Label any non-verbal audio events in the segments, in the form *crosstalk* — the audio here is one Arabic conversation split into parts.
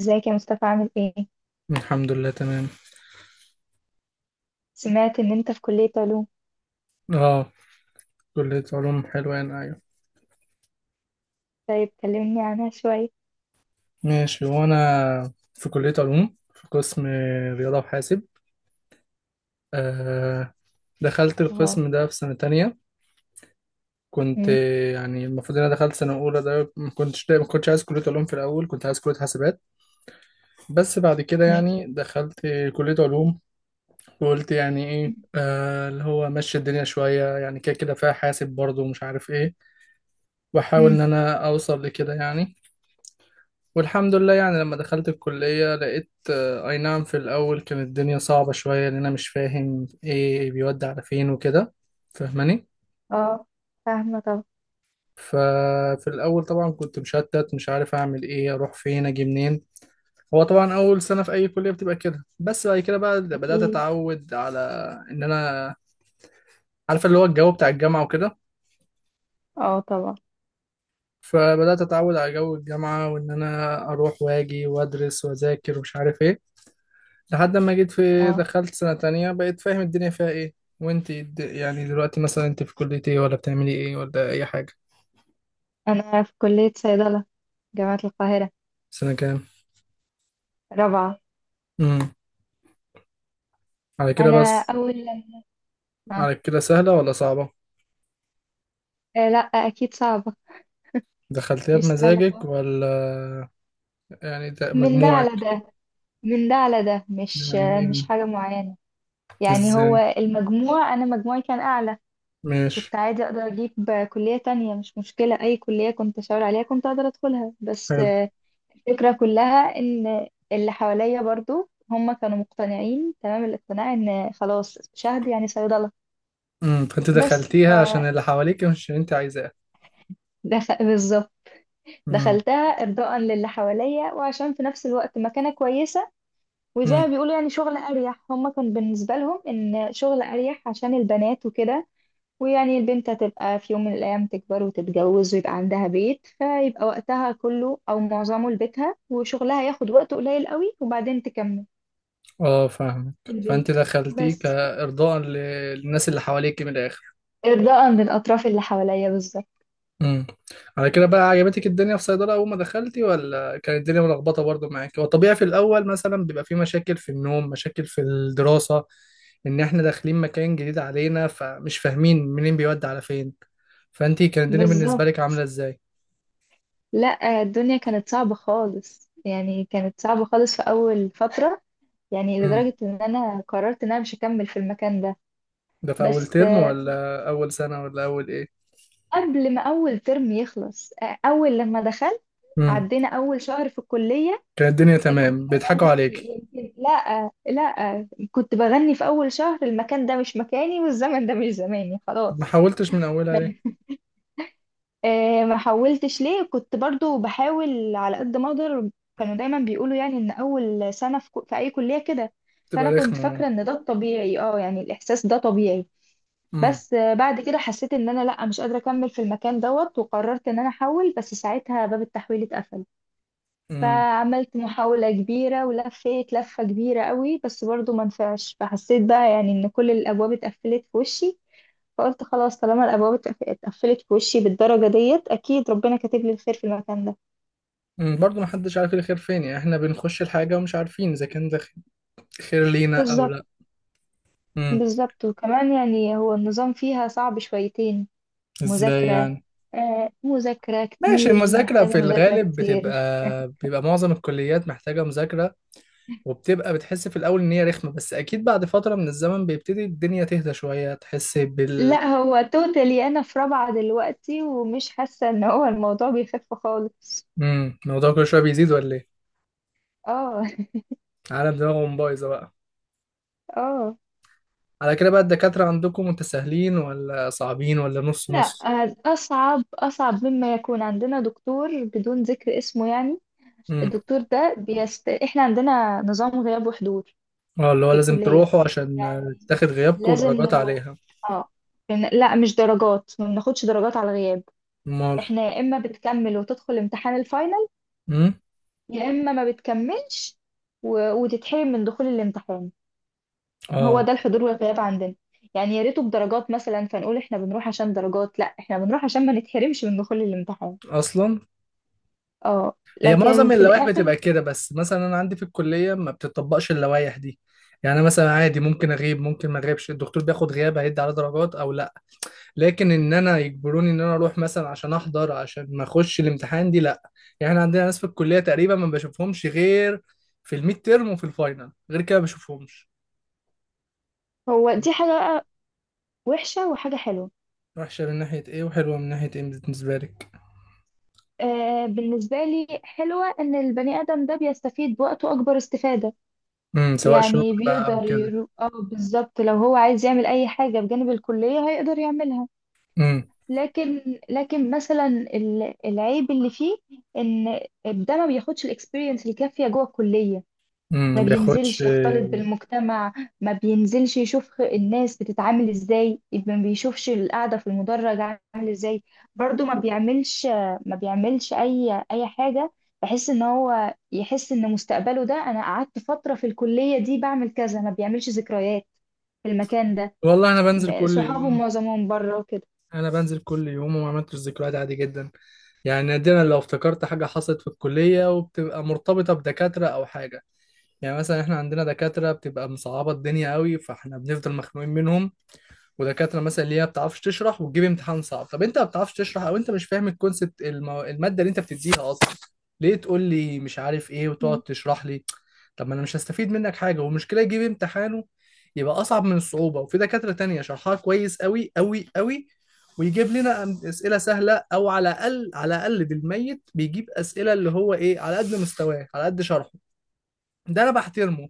ازيك يا مصطفى عامل ايه؟ الحمد لله تمام. سمعت ان انت في كلية علوم. اه، كلية علوم حلوان، ايوه. طيب كلمني عنها شوية. ماشي، وانا في كلية علوم في قسم رياضة وحاسب. آه، دخلت اه. القسم ده في سنة تانية. كنت مم. يعني المفروض ان انا دخلت سنة اولى، ده ما كنتش عايز كلية علوم في الاول، كنت عايز كلية حاسبات. بس بعد كده ماشي. يعني دخلت كلية علوم وقلت يعني ايه اللي هو مشي الدنيا شوية، يعني كده كده فيها حاسب برضه ومش عارف ايه، واحاول مم. ان انا اوصل لكده يعني. والحمد لله، يعني لما دخلت الكلية لقيت أي نعم، في الأول كانت الدنيا صعبة شوية، لأن أنا مش فاهم إيه بيودي على فين وكده. فاهماني؟ اه، فاهمة طبعا. ففي الأول طبعا كنت مشتت، مش عارف أعمل إيه، أروح فين، أجي منين. هو طبعا أول سنة في أي كلية بتبقى كده، بس بعد كده بقى بدأت اكيد. أتعود على إن أنا عارف اللي هو الجو بتاع الجامعة وكده. اه طبعا. فبدأت أتعود على جو الجامعة، وإن أنا أروح وأجي وأدرس وأذاكر ومش عارف إيه، لحد ما جيت في اه، دخلت سنة تانية بقيت فاهم الدنيا فيها ايه. وانت يعني دلوقتي مثلا انت في كلية ايه، ولا بتعملي ايه، ولا اي حاجة؟ انا في كلية صيدلة، جامعة القاهرة. سنة كام؟ رابعة. امم، على كده انا بس. اول لما آه. على كده سهلة ولا صعبة؟ آه لا اكيد صعبة. دخلتيها مش سهلة خالص. بمزاجك ولا؟ يعني ده من ده على مجموعك؟ ده، من ده على ده مش يعني إيه؟ مش حاجة معينة. يعني هو ازاي؟ المجموع، انا مجموعي كان اعلى. ماشي. كنت عادي اقدر اجيب كلية تانية، مش مشكلة. اي كلية كنت اشاور عليها كنت اقدر ادخلها. بس حلو. آه، الفكرة كلها ان اللي حواليا برضو هم كانوا مقتنعين تمام الاقتناع ان خلاص شهد يعني صيدلة. امم، فانت بس ف دخلتيها عشان اللي حواليك مش اللي انت عايزاه. بالظبط، امم. دخلتها ارضاء للي حواليا، وعشان في نفس الوقت مكانة كويسة. وزي ما امم، بيقولوا يعني شغل اريح، هم كان بالنسبة لهم ان شغل اريح عشان البنات وكده. ويعني البنت هتبقى في يوم من الأيام تكبر وتتجوز ويبقى عندها بيت، فيبقى وقتها كله أو معظمه لبيتها، وشغلها ياخد وقت قليل قوي، وبعدين تكمل اه فاهمك. في فانت البيت. دخلتيه بس كارضاء للناس اللي حواليك من الاخر. إرضاء للأطراف اللي حواليا بالظبط. امم، على كده بقى عجبتك الدنيا في صيدلة أول ما دخلتي، ولا كانت الدنيا ملخبطة برضو معاكي؟ هو طبيعي في الأول مثلا بيبقى في مشاكل في النوم، مشاكل في الدراسة، إن إحنا داخلين مكان جديد علينا فمش فاهمين منين بيودي على فين. فأنتي كانت الدنيا بالنسبة بالظبط. لك عاملة إزاي؟ لا، الدنيا كانت صعبة خالص، يعني كانت صعبة خالص في أول فترة. يعني امم، لدرجة إن أنا قررت إن أنا مش هكمل في المكان ده. ده في أول بس ترم آه، ولا أول سنة ولا أول إيه؟ قبل ما أول ترم يخلص، أول لما دخلت، امم، عدينا أول شهر في الكلية، كانت الدنيا كنت تمام، بيضحكوا بغني. عليكي؟ يمكن لا كنت بغني في أول شهر، المكان ده مش مكاني والزمن ده مش زماني، طب ما خلاص. حاولتش من أولها ليه؟ ما حولتش ليه، كنت برضو بحاول على قد ما أقدر. كانوا دايما بيقولوا يعني إن أول سنة في أي كلية كده. فأنا تبقى كنت رخمة. فاكرة إن ده الطبيعي، اه يعني الإحساس ده طبيعي. امم. بس بعد كده حسيت إن أنا لا مش قادرة أكمل في المكان دوت، وقررت إن أنا أحول، بس ساعتها باب التحويل اتقفل. امم، فعملت محاولة كبيرة ولفيت لفة كبيرة قوي، بس برضو ما نفعش. فحسيت بقى يعني ان كل الابواب اتقفلت في وشي. فقلت خلاص، طالما اتقفلت في وشي بالدرجة ديت، اكيد ربنا كاتب لي الخير في المكان ده. برضه محدش عارف الخير فين، يعني احنا بنخش الحاجة ومش عارفين إذا كان ده خير لينا او بالظبط. لا. امم. بالظبط. وكمان يعني هو النظام فيها صعب شويتين. ازاي مذاكرة. يعني؟ آه مذاكرة ماشي، كتير، المذاكرة محتاجة في مذاكرة الغالب بتبقى، كتير. بيبقى معظم الكليات محتاجة مذاكرة، وبتبقى بتحس في الأول إن هي رخمة، بس أكيد بعد فترة من الزمن بيبتدي الدنيا تهدى شوية، تحس لا بال... هو توتالي، انا في رابعة دلوقتي ومش حاسة ان هو الموضوع بيخف خالص. امم، الموضوع كل شوية بيزيد ولا إيه؟ اه. عالم دماغهم بايظة بقى. *laughs* اه. على كده بقى الدكاترة عندكم متساهلين ولا صعبين ولا نص لا نص؟ أصعب، أصعب مما يكون. عندنا دكتور بدون ذكر اسمه يعني، امم. الدكتور ده إحنا عندنا نظام غياب وحضور اه اللي هو في لازم الكلية، تروحوا عشان يعني تاخد غيابكم لازم ودرجات نروح. عليها. اه. لا مش درجات، ما بناخدش درجات على الغياب. أمال؟ إحنا يا إما بتكمل وتدخل امتحان الفاينل، امم. يا إما ما بتكملش وتتحرم من دخول الامتحان. هو اه. ده الحضور والغياب عندنا. يعني يا ريته بدرجات مثلا فنقول إحنا بنروح عشان درجات، لا إحنا بنروح عشان ما نتحرمش من دخول الامتحان. أصلا. اه. هي لكن معظم في اللوائح الاخر. بتبقى كده، بس مثلا انا عندي في الكليه ما بتطبقش اللوائح دي. يعني أنا مثلا عادي ممكن اغيب، ممكن ما اغيبش. الدكتور بياخد غياب هيدي على درجات او لا، لكن ان انا يجبروني ان انا اروح مثلا عشان احضر، عشان ما اخش الامتحان، دي لا. يعني احنا عندنا ناس في الكليه تقريبا ما بشوفهمش غير في الميد تيرم وفي الفاينل، غير كده ما بشوفهمش. هو دي حاجه بقى وحشه وحاجه حلوه. وحشه من ناحيه ايه، وحلوه من ناحيه ايه بالنسبه لك؟ آه بالنسبه لي حلوه ان البني ادم ده بيستفيد بوقته اكبر استفاده. امم، سواء شغل يعني بقى او كده. اه بالظبط، لو هو عايز يعمل اي حاجه بجانب الكليه هيقدر يعملها. امم. لكن، مثلا العيب اللي فيه، ان ده ما بياخدش الاكسبيرينس الكافيه جوه الكليه. امم، ما ما بينزلش بياخدش. يختلط بالمجتمع، ما بينزلش يشوف الناس بتتعامل ازاي، ما بيشوفش القعدة في المدرج عامل ازاي. برضو ما بيعملش، ما بيعملش اي حاجة. بحس ان هو يحس ان مستقبله ده، انا قعدت فترة في الكلية دي بعمل كذا، ما بيعملش ذكريات في المكان ده. والله انا بنزل كل صحابه يوم. معظمهم بره وكده. انا بنزل كل يوم وما عملتش ذكريات، عادي جدا. يعني نادرا لو افتكرت حاجه حصلت في الكليه، وبتبقى مرتبطه بدكاتره او حاجه. يعني مثلا احنا عندنا دكاتره بتبقى مصعبه الدنيا قوي، فاحنا بنفضل مخنوقين منهم. ودكاتره مثلا اللي هي ما بتعرفش تشرح وتجيب امتحان صعب. طب انت ما بتعرفش تشرح، او انت مش فاهم الكونسبت الماده اللي انت بتديها اصلا، ليه تقول لي مش عارف ايه مم. وتقعد تشرح لي؟ طب ما انا مش هستفيد منك حاجه، والمشكله يجيب امتحانه يبقى اصعب من الصعوبه. وفي دكاتره تانية شرحها كويس قوي قوي قوي، ويجيب لنا اسئله سهله، او على الاقل على الاقل بالميت بيجيب اسئله اللي هو ايه، على قد مستواه، على قد شرحه. ده انا بحترمه.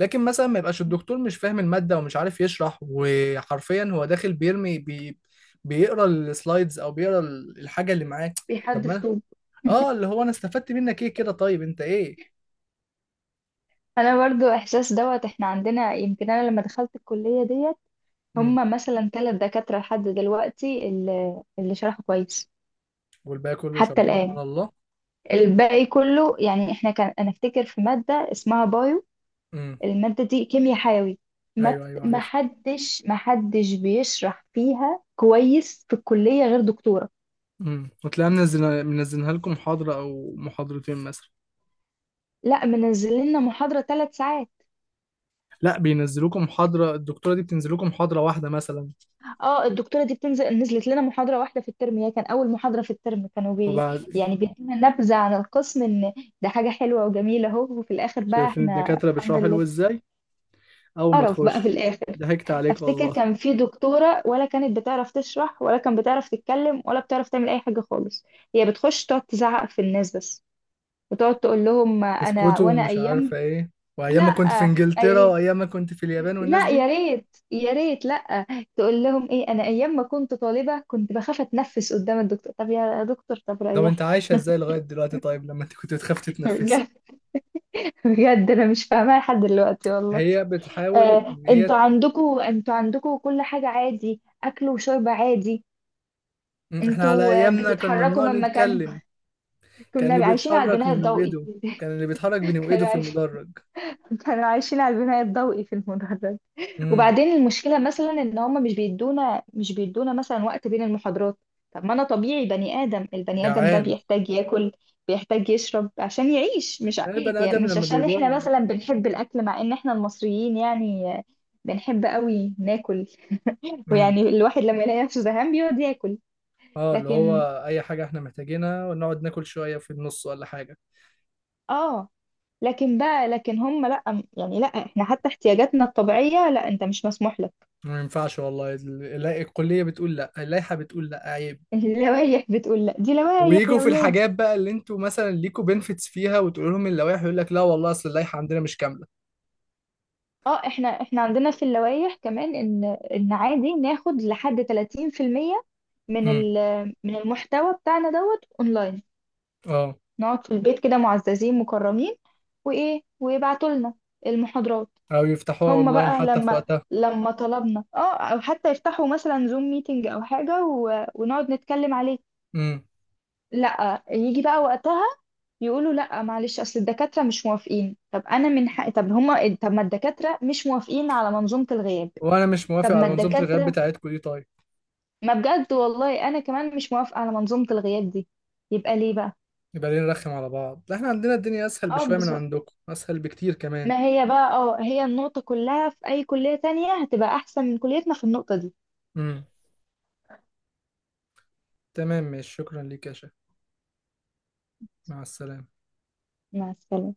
لكن مثلا ما يبقاش الدكتور مش فاهم المادة ومش عارف يشرح، وحرفيا هو داخل بيرمي بي، بيقرا السلايدز او بيقرا الحاجة اللي معاه. طب ما بيحدف أنا- طوب. اه اللي هو انا استفدت منك ايه كده، طيب انت ايه. انا برضو احساس دوت. احنا عندنا يمكن، انا لما دخلت الكلية ديت، امم. هم مثلا ثلاث دكاترة لحد دلوقتي اللي شرحوا كويس. والباقي كله حتى شرحهم الآن. على الله. الباقي كله يعني. احنا كان، انا افتكر في مادة اسمها بايو، امم. المادة دي كيمياء حيوي، ايوه ايوه ما عارف. حدش ما حدش بيشرح فيها كويس في الكلية غير دكتورة. امم، وتلاقيها منزلها لكم محاضرة او محاضرتين مثلا. لا منزل لنا محاضرة ثلاث ساعات. لا، بينزلوكم محاضرة، الدكتورة دي بتنزلوكم محاضرة واحدة مثلا. اه الدكتورة دي بتنزل، نزلت لنا محاضرة واحدة في الترم، هي كان أول محاضرة في الترم، كانوا بي وبعد؟ يعني بيدينا نبذة عن القسم، إن ده حاجة حلوة وجميلة أهو، وفي الآخر بقى شايفين إحنا الدكاترة الحمد بيشرحوا لله حلو ازاي اول ما قرف بقى في تخش؟ الاخر. ضحكت عليك افتكر والله. كان في دكتوره، ولا كانت بتعرف تشرح ولا كانت بتعرف تتكلم ولا بتعرف تعمل اي حاجه خالص. هي بتخش تقعد تزعق في الناس بس، وتقعد تقول لهم انا، اسكوتو وانا ومش ايام. عارفة ايه. لا. وايام ما كنت في انجلترا، اي. وايام ما كنت في اليابان، والناس لا يا دي. ريت يا ريت لا تقول لهم ايه، انا ايام ما كنت طالبه كنت بخاف اتنفس قدام الدكتور. طب يا دكتور طب طب انت ريحني. عايشة ازاي لغاية دلوقتي طيب، لما انت كنت بتخاف *laughs* تتنفسي؟ بجد. بجد انا مش فاهماها لحد دلوقتي والله. هي بتحاول آه، ان هي... انتوا عندكوا كل حاجه عادي، اكل وشرب عادي، احنا على انتوا ايامنا كان بتتحركوا ممنوع من مكانكم. نتكلم. *laughs* كان اللي كنا عايشين على بيتحرك البناء من الضوئي. وايده، كان اللي بيتحرك بين *laughs* كانوا وايده في عايشين، المدرج. كانوا عايشين على البناء الضوئي في المدرج. امم. وبعدين المشكلة مثلا ان هم مش بيدونا مثلا وقت بين المحاضرات. طب ما انا طبيعي، بني آدم، البني آدم ده جعان. بيحتاج ياكل، بيحتاج يشرب عشان يعيش. مش ع- يعني البني يعني ادم مش لما عشان احنا بيجوع. مثلا بنحب الاكل، مع ان احنا المصريين يعني بنحب قوي ناكل، امم، ويعني الواحد لما يلاقي نفسه زهقان بيقعد ياكل. اه اللي هو لكن اي حاجة احنا محتاجينها، ونقعد ناكل شوية في النص ولا حاجة. اه، لكن هم لا. يعني لا، احنا حتى احتياجاتنا الطبيعية، لا انت مش مسموح لك. ما ينفعش والله. الكلية بتقول لا، اللائحة بتقول لا، عيب. *laughs* اللوايح بتقول لا، دي لوايح ويجوا يا في ولادي. الحاجات بقى اللي انتوا مثلا ليكوا بنفيتس فيها، وتقول لهم اللوائح، يقول لك لا. والله اصل اللائحه عندنا مش كامله. اه، احنا عندنا في اللوايح كمان ان، عادي ناخد لحد 30% من امم. من المحتوى بتاعنا دوت اونلاين. اه. نقعد في البيت كده معززين مكرمين، وايه، ويبعتوا لنا المحاضرات. او يفتحوها هم اونلاين بقى حتى في لما، وقتها. لما طلبنا اه او حتى يفتحوا مثلا زوم ميتنج او حاجة ونقعد نتكلم عليه، امم. لا يجي بقى وقتها يقولوا لا معلش اصل الدكاتره مش موافقين. طب انا من حق، طب هما، طب ما الدكاتره مش موافقين على منظومه الغياب. وانا مش طب موافق ما على منظومه الغياب الدكاتره بتاعتكم دي، طيب ما بجد والله انا كمان مش موافقه على منظومه الغياب دي، يبقى ليه بقى. يبقى ليه نرخم على بعض؟ لا احنا عندنا الدنيا اسهل اه بشويه من بالظبط. عندكم، اسهل بكتير كمان. ما هي بقى اه هي النقطه كلها، في اي كليه تانية هتبقى احسن من كليتنا في النقطه دي. امم. تمام ماشي، شكرا ليك يا شيخ. مع السلامه. مع السلامه.